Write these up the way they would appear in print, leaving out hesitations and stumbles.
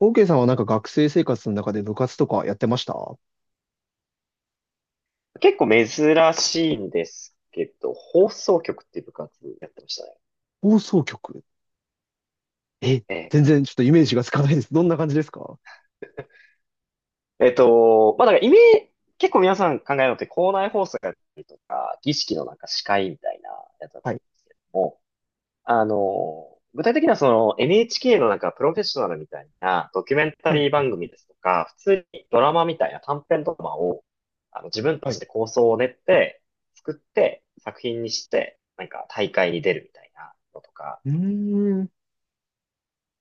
OK さんはなんか学生生活の中で部活とかやってました？結構珍しいんですけど、放送局っていう部活やってましたね。放送局？え、ええ全然ちょっとイメージがつかないです。どんな感じですか？えっと、まあ、だからイメージ、結構皆さん考えるのって校内放送やったりとか、儀式のなんか司会みたいなやつだとは思い。うんですけども、具体的にはその NHK のなんかプロフェッショナルみたいなドキュメンタはい、リーはい、番組ですとか、普通にドラマみたいな短編ドラマを、自分はたちい。で構想を練って、作って、作品にして、なんか大会に出るみたいなのとか、うーん。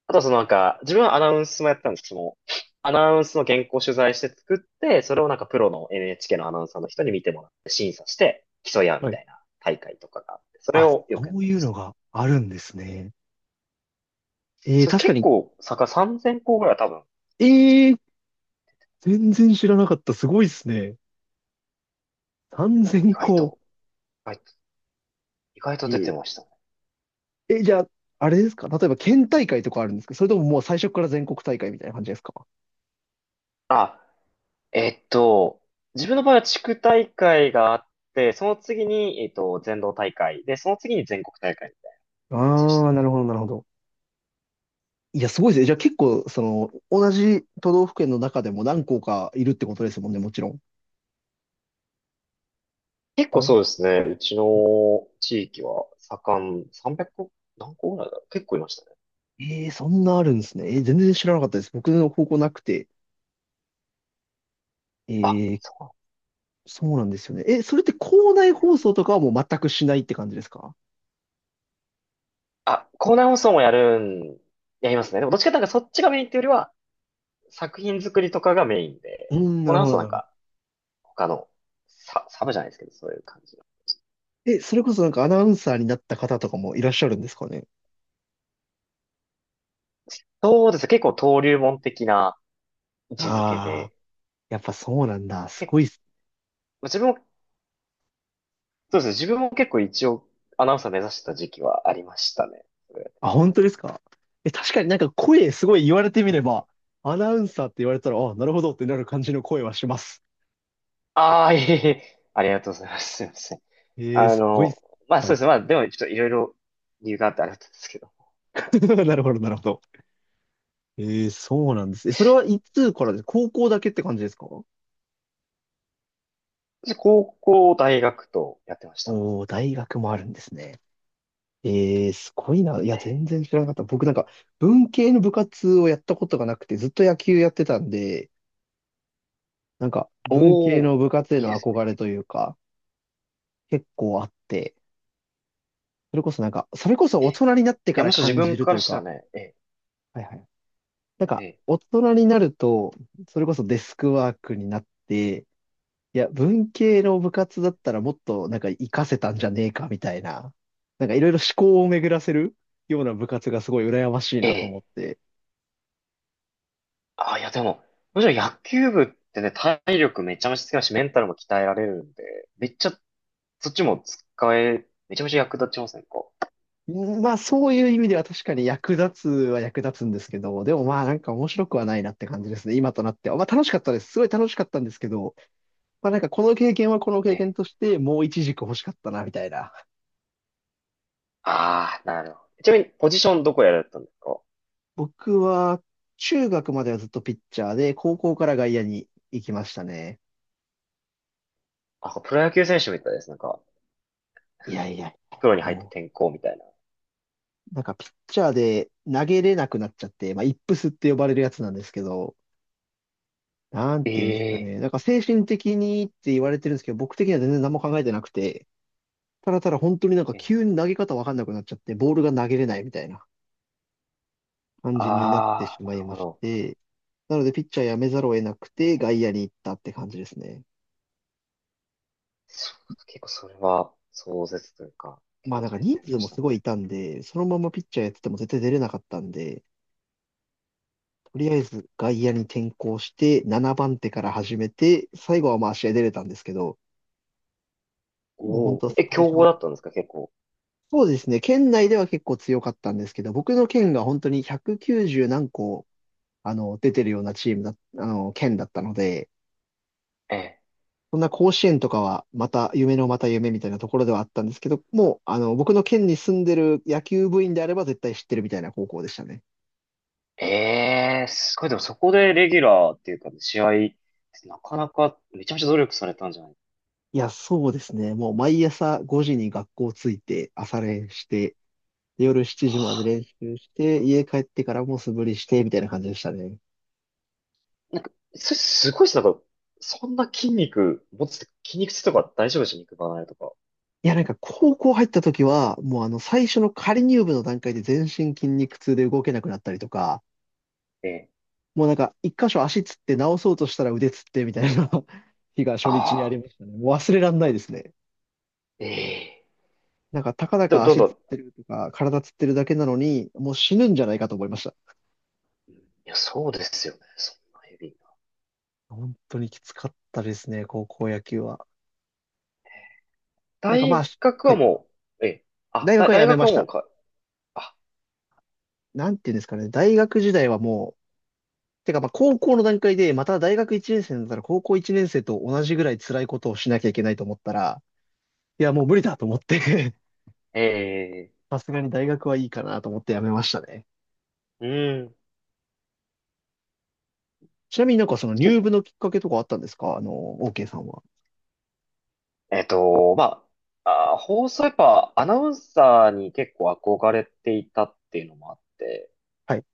あとはそのなんか、自分はアナウンスもやってたんですけども、アナウンスの原稿を取材して作って、それをなんかプロの NHK のアナウンサーの人に見てもらって審査して競い合うみはい。たいな大会とかがあって、それあ、をよくそやっうていまうしのた。があるんですね。えー、それ確か結に。構、坂3,000校ぐらいは多分、ええー、全然知らなかった。すごいですね。意外3000校。と、意外と、意外とえ出てー、ましたね。え、じゃあ、あれですか？例えば県大会とかあるんですか？それとももう最初から全国大会みたいな感じですか？あ、えっと、自分の場合は地区大会があって、その次に、全道大会で、その次に全国大会みたいな感あじでしあー、た。なるほど、なるほど。いや、すごいですね。じゃあ結構、その、同じ都道府県の中でも何校かいるってことですもんね、もちろん。結構大そうですね。うちの地域は盛ん、300何個ぐらいだろう。結構いましたね。えー、そんなあるんですね。えー全然知らなかったです。僕の高校なくて。えあ、ー、そう。そうなんですよね。え、それって校内放送とかはもう全くしないって感じですか？あ、校内放送もやるん、やりますね。でもどっちかというとなんかそっちがメインっていうよりは、作品作りとかがメインで、うーん、な校る内放ほ送ど、ななんるほど。か他のサブじゃないですけど、そういう感じの。え、それこそなんかアナウンサーになった方とかもいらっしゃるんですかね？そうですね。結構登竜門的な位置づけああ、で、やっぱそうなんだ。すけ、ごいっす。自分も、そうですね。自分も結構一応アナウンサー目指してた時期はありましたね。あ、本当ですか？え、確かになんか声すごい言われてみれば、アナウンサーって言われたら、あ、なるほどってなる感じの声はします。いえいえ、ありがとうございます。すいません。ええあすごいっの、す。はそうでい。すね。まあでもちょっといろいろ理由があってあれだったんですけど。なるほど、なるほど。ええそうなんです。え、それはいつからです？高校だけって感じですか？私、高校、大学とやってました。おー、大学もあるんですね。ええすごいな。いや、え全え。然知らなかった。僕なんか、文系の部活をやったことがなくて、ずっと野球やってたんで、なんか、文系おー、の部活へいいでのす憧ね。れというか、結構あって、それこそなんか、それこそえ大え。人になっていかや、らむしろ自感じ分るかといらうしたか、らね、えはいはい。なんえ。か、ええ。大人になると、それこそデスクワークになって、いや、文系の部活だったらもっとなんか活かせたんじゃねえかみたいな、なんかいろいろ思考を巡らせるような部活がすごい羨ましいえなと思っえ。て。いやでも、むしろ野球部ってね、体力めちゃめちゃつきますし、メンタルも鍛えられるんで、めっちゃ、そっちも使え、めちゃめちゃ役立ちませんか？うんまあそういう意味では確かに役立つは役立つんですけど、でもまあなんか面白くはないなって感じですね、今となっては。まあ楽しかったです。すごい楽しかったんですけど、まあなんかこの経験はこの経験ええ。としてもう一軸欲しかったなみたいな。ああ、なるほど。ちなみに、ポジションどこやられたんですか？僕は中学まではずっとピッチャーで、高校から外野に行きましたね。あ、プロ野球選手みたいです。なんか、いやいやいやいプロや、に入ってもう。転校みたいな。なんかピッチャーで投げれなくなっちゃって、まあ、イップスって呼ばれるやつなんですけど、なんて言うんですかえ。えね。なんか精神的にって言われてるんですけど、僕的には全然何も考えてなくて、ただただ本当になんかえ、急に投げ方わかんなくなっちゃって、ボールが投げれないみたいな感じになってあしあ、まないるまほしど。て、なのでピッチャーやめざるを得なくえて外ー、野に行ったって感じですね。そう、結構それは壮絶というか、結まあ構なんか大人変数でもしたすごいね。いたんで、そのままピッチャーやってても絶対出れなかったんで、とりあえず外野に転向して、7番手から始めて、最後はまあ試合出れたんですけど、もう本おお、当え、最強初豪だは、ったんですか、結構。そうですね、県内では結構強かったんですけど、僕の県が本当に190何個、出てるようなチームだ、県だったので、えそんな甲子園とかはまた夢のまた夢みたいなところではあったんですけど、もう、僕の県に住んでる野球部員であれば絶対知ってるみたいな高校でしたね。ー、えー、すごい、でもそこでレギュラーっていうか、試合、なかなかめちゃめちゃ努力されたんじゃない？いや、そうですね。もう毎朝5時に学校着いて朝練して、で夜7は時まであ。練習して、家帰ってからも素振りして、みたいな感じでしたね。なんか、それすごいですね。なんか、そんな筋肉持つって、筋肉痛とか大丈夫でしょ？肉離れとか。いや、なんか高校入った時は、もうあの最初の仮入部の段階で全身筋肉痛で動けなくなったりとか、ええ。もうなんか一箇所足つって直そうとしたら腕つってみたいな 日が初あ日にありあ、ましたね。もう忘れらんないですね。ええ。なんかたかだど、かどん足どつっん。てるとか体つってるだけなのに、もう死ぬんじゃないかと思いました。いや、そうですよね。そんなヘビー。本当にきつかったですね、高校野球は。なんかまあ、大学ははい。もう、え、大学は大やめ学まはしもうた。か、あ、なんていうんですかね。大学時代はもてか、まあ、高校の段階で、また大学1年生になったら、高校1年生と同じぐらい辛いことをしなきゃいけないと思ったら、いや、もう無理だと思って え さすがに大学はいいかなと思ってやめましたね。ー、うーん、ちなみになんかそのち入部のきっかけとかあったんですか？OK さんは。えっと、ま放送やっぱアナウンサーに結構憧れていたっていうのもあって、はい。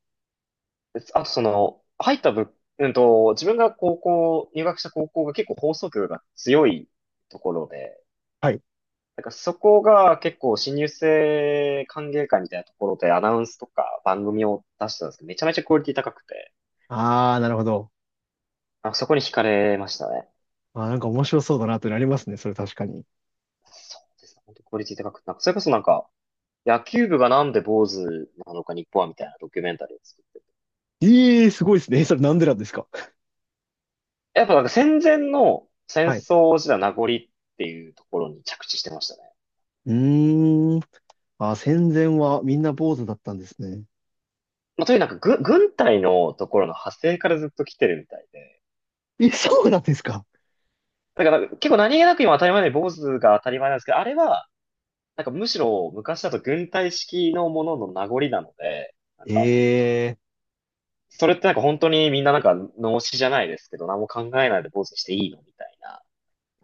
であとその、入った部、うんと、自分が入学した高校が結構放送局が強いところで、はい。なんかそこが結構新入生歓迎会みたいなところでアナウンスとか番組を出してたんですけど、めちゃめちゃクオリティ高くて、ああ、なるほど。あ、そこに惹かれましたね。あー、なんか面白そうだなってなりますね。それ確かに。そうですね。本当クオリティ高くて、なんか、それこそなんか、野球部がなんで坊主なのか日本はみたいなドキュメンタリーを作って。ええー、すごいですね。それなんでなんですか？やっぱなんか戦前の戦はい。う争時代の名残っていうところに着地してましたね。ーん。あー、戦前はみんな坊主だったんですね。まあ、というなんか軍隊のところの派生からずっと来てるみたいで。え、そうなんですか？だからなんか結構何気なく今当たり前で坊主が当たり前なんですけど、あれは、なんかむしろ昔だと軍隊式のものの名残なので、なんか、ええそれってなんか本当にみんななんか脳死じゃないですけど、何も考えないで坊主にしていいのみたいな。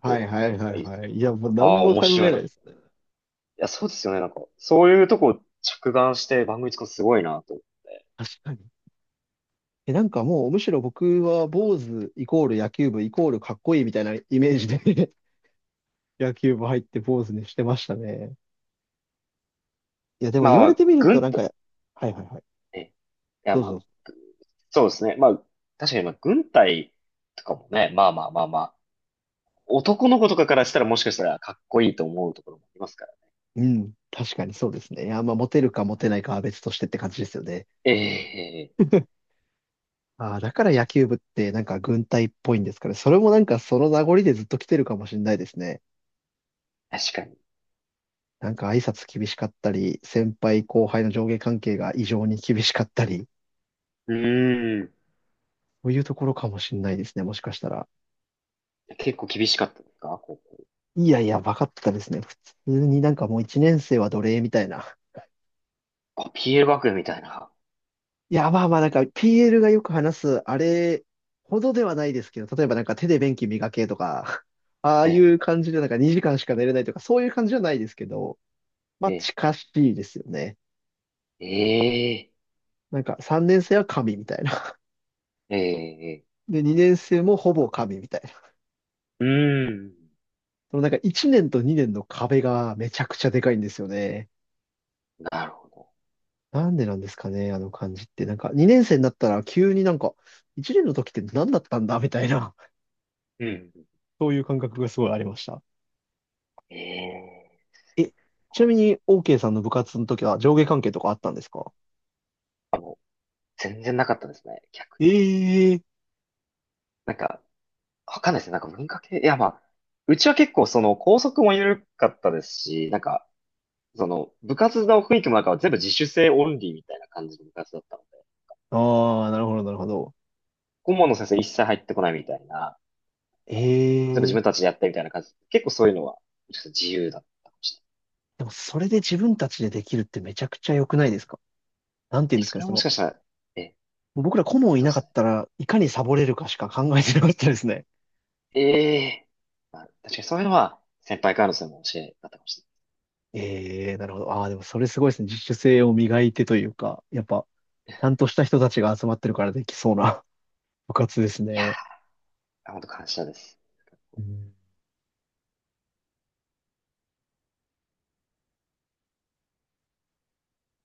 はこといはいはいが言ってはて。い。いや、もうあ何あ、も面考えな白いな。いいですね。や、そうですよね。なんか、そういうとこ着眼して番組作るのすごいなと思って。確かに。え、なんかもうむしろ僕は坊主イコール野球部イコールかっこいいみたいなイメージで 野球部入って坊主にしてましたね。いや、でもま言あわまれあ、てみるとな軍んか、と、はいはいはい。え、いやどうまあ、ぞ。そうですね。まあ、確かにまあ、軍隊とかもね、まあまあまあまあ、男の子とかからしたらもしかしたらかっこいいと思うところもありますから。うん。確かにそうですね。いや、まあモテるかモテないかは別としてって感じですよね。ええ。ああ、だから野球部ってなんか軍隊っぽいんですかね。それもなんかその名残でずっと来てるかもしれないですね。確かに。なんか挨拶厳しかったり、先輩後輩の上下関係が異常に厳しかったり。うーん。そういうところかもしんないですね、もしかしたら。結構厳しかったですか？こう、いやいや、バカってたですね。普通になんかもう一年生は奴隷みたいな。あ PL 学園みたいな。いや、まあまあなんか PL がよく話す、あれほどではないですけど、例えばなんか手で便器磨けとか、ああいえう感じでなんか2時間しか寝れないとか、そういう感じじゃないですけど、まあえ、え近しいですよね。え、ええ、なんか3年生は神みたいな。ええ。で、2年生もほぼ神みたいな。うーん。そのなんか1年と2年の壁がめちゃくちゃでかいんですよね。なるほど。なんでなんですかね、あの感じって。なんか、2年生になったら急になんか、1年の時って何だったんだみたいな、うん。そういう感覚がすごいありました。ええ。え、ちなみに、OK さんの部活の時は上下関係とかあったんですか？全然なかったですね。逆に。ええなんか、わかんないですね。なんか文化系、いやまあ、うちは結構その校則も緩かったですし、なんか、その部活の雰囲気もなんか全部自主性オンリーみたいな感じの部活だったので、ああー、なるほど、なるほど。顧問の先生一切入ってこないみたいな、あの全部自ええ分たちでやってみたいな感じ。結構そういうのは、ちょっと自由だったかもしれない。でも、それで自分たちでできるってめちゃくちゃ良くないですか？なんて言いうんや、ですそかね、れはそもしの、かしたら、え、僕ら顧問いそうなでかすっね。たらいかにサボれるかしか考えてなかったですね。ええ。まあ、確かにそういうのは先輩からのそれ教えだったかもしれなええなるほど。ああ、でもそれすごいですね。自主性を磨いてというか、やっぱ、ちゃんとした人たちが集まってるからできそうな 部活ですい。いやね。ー、本当感謝です。うん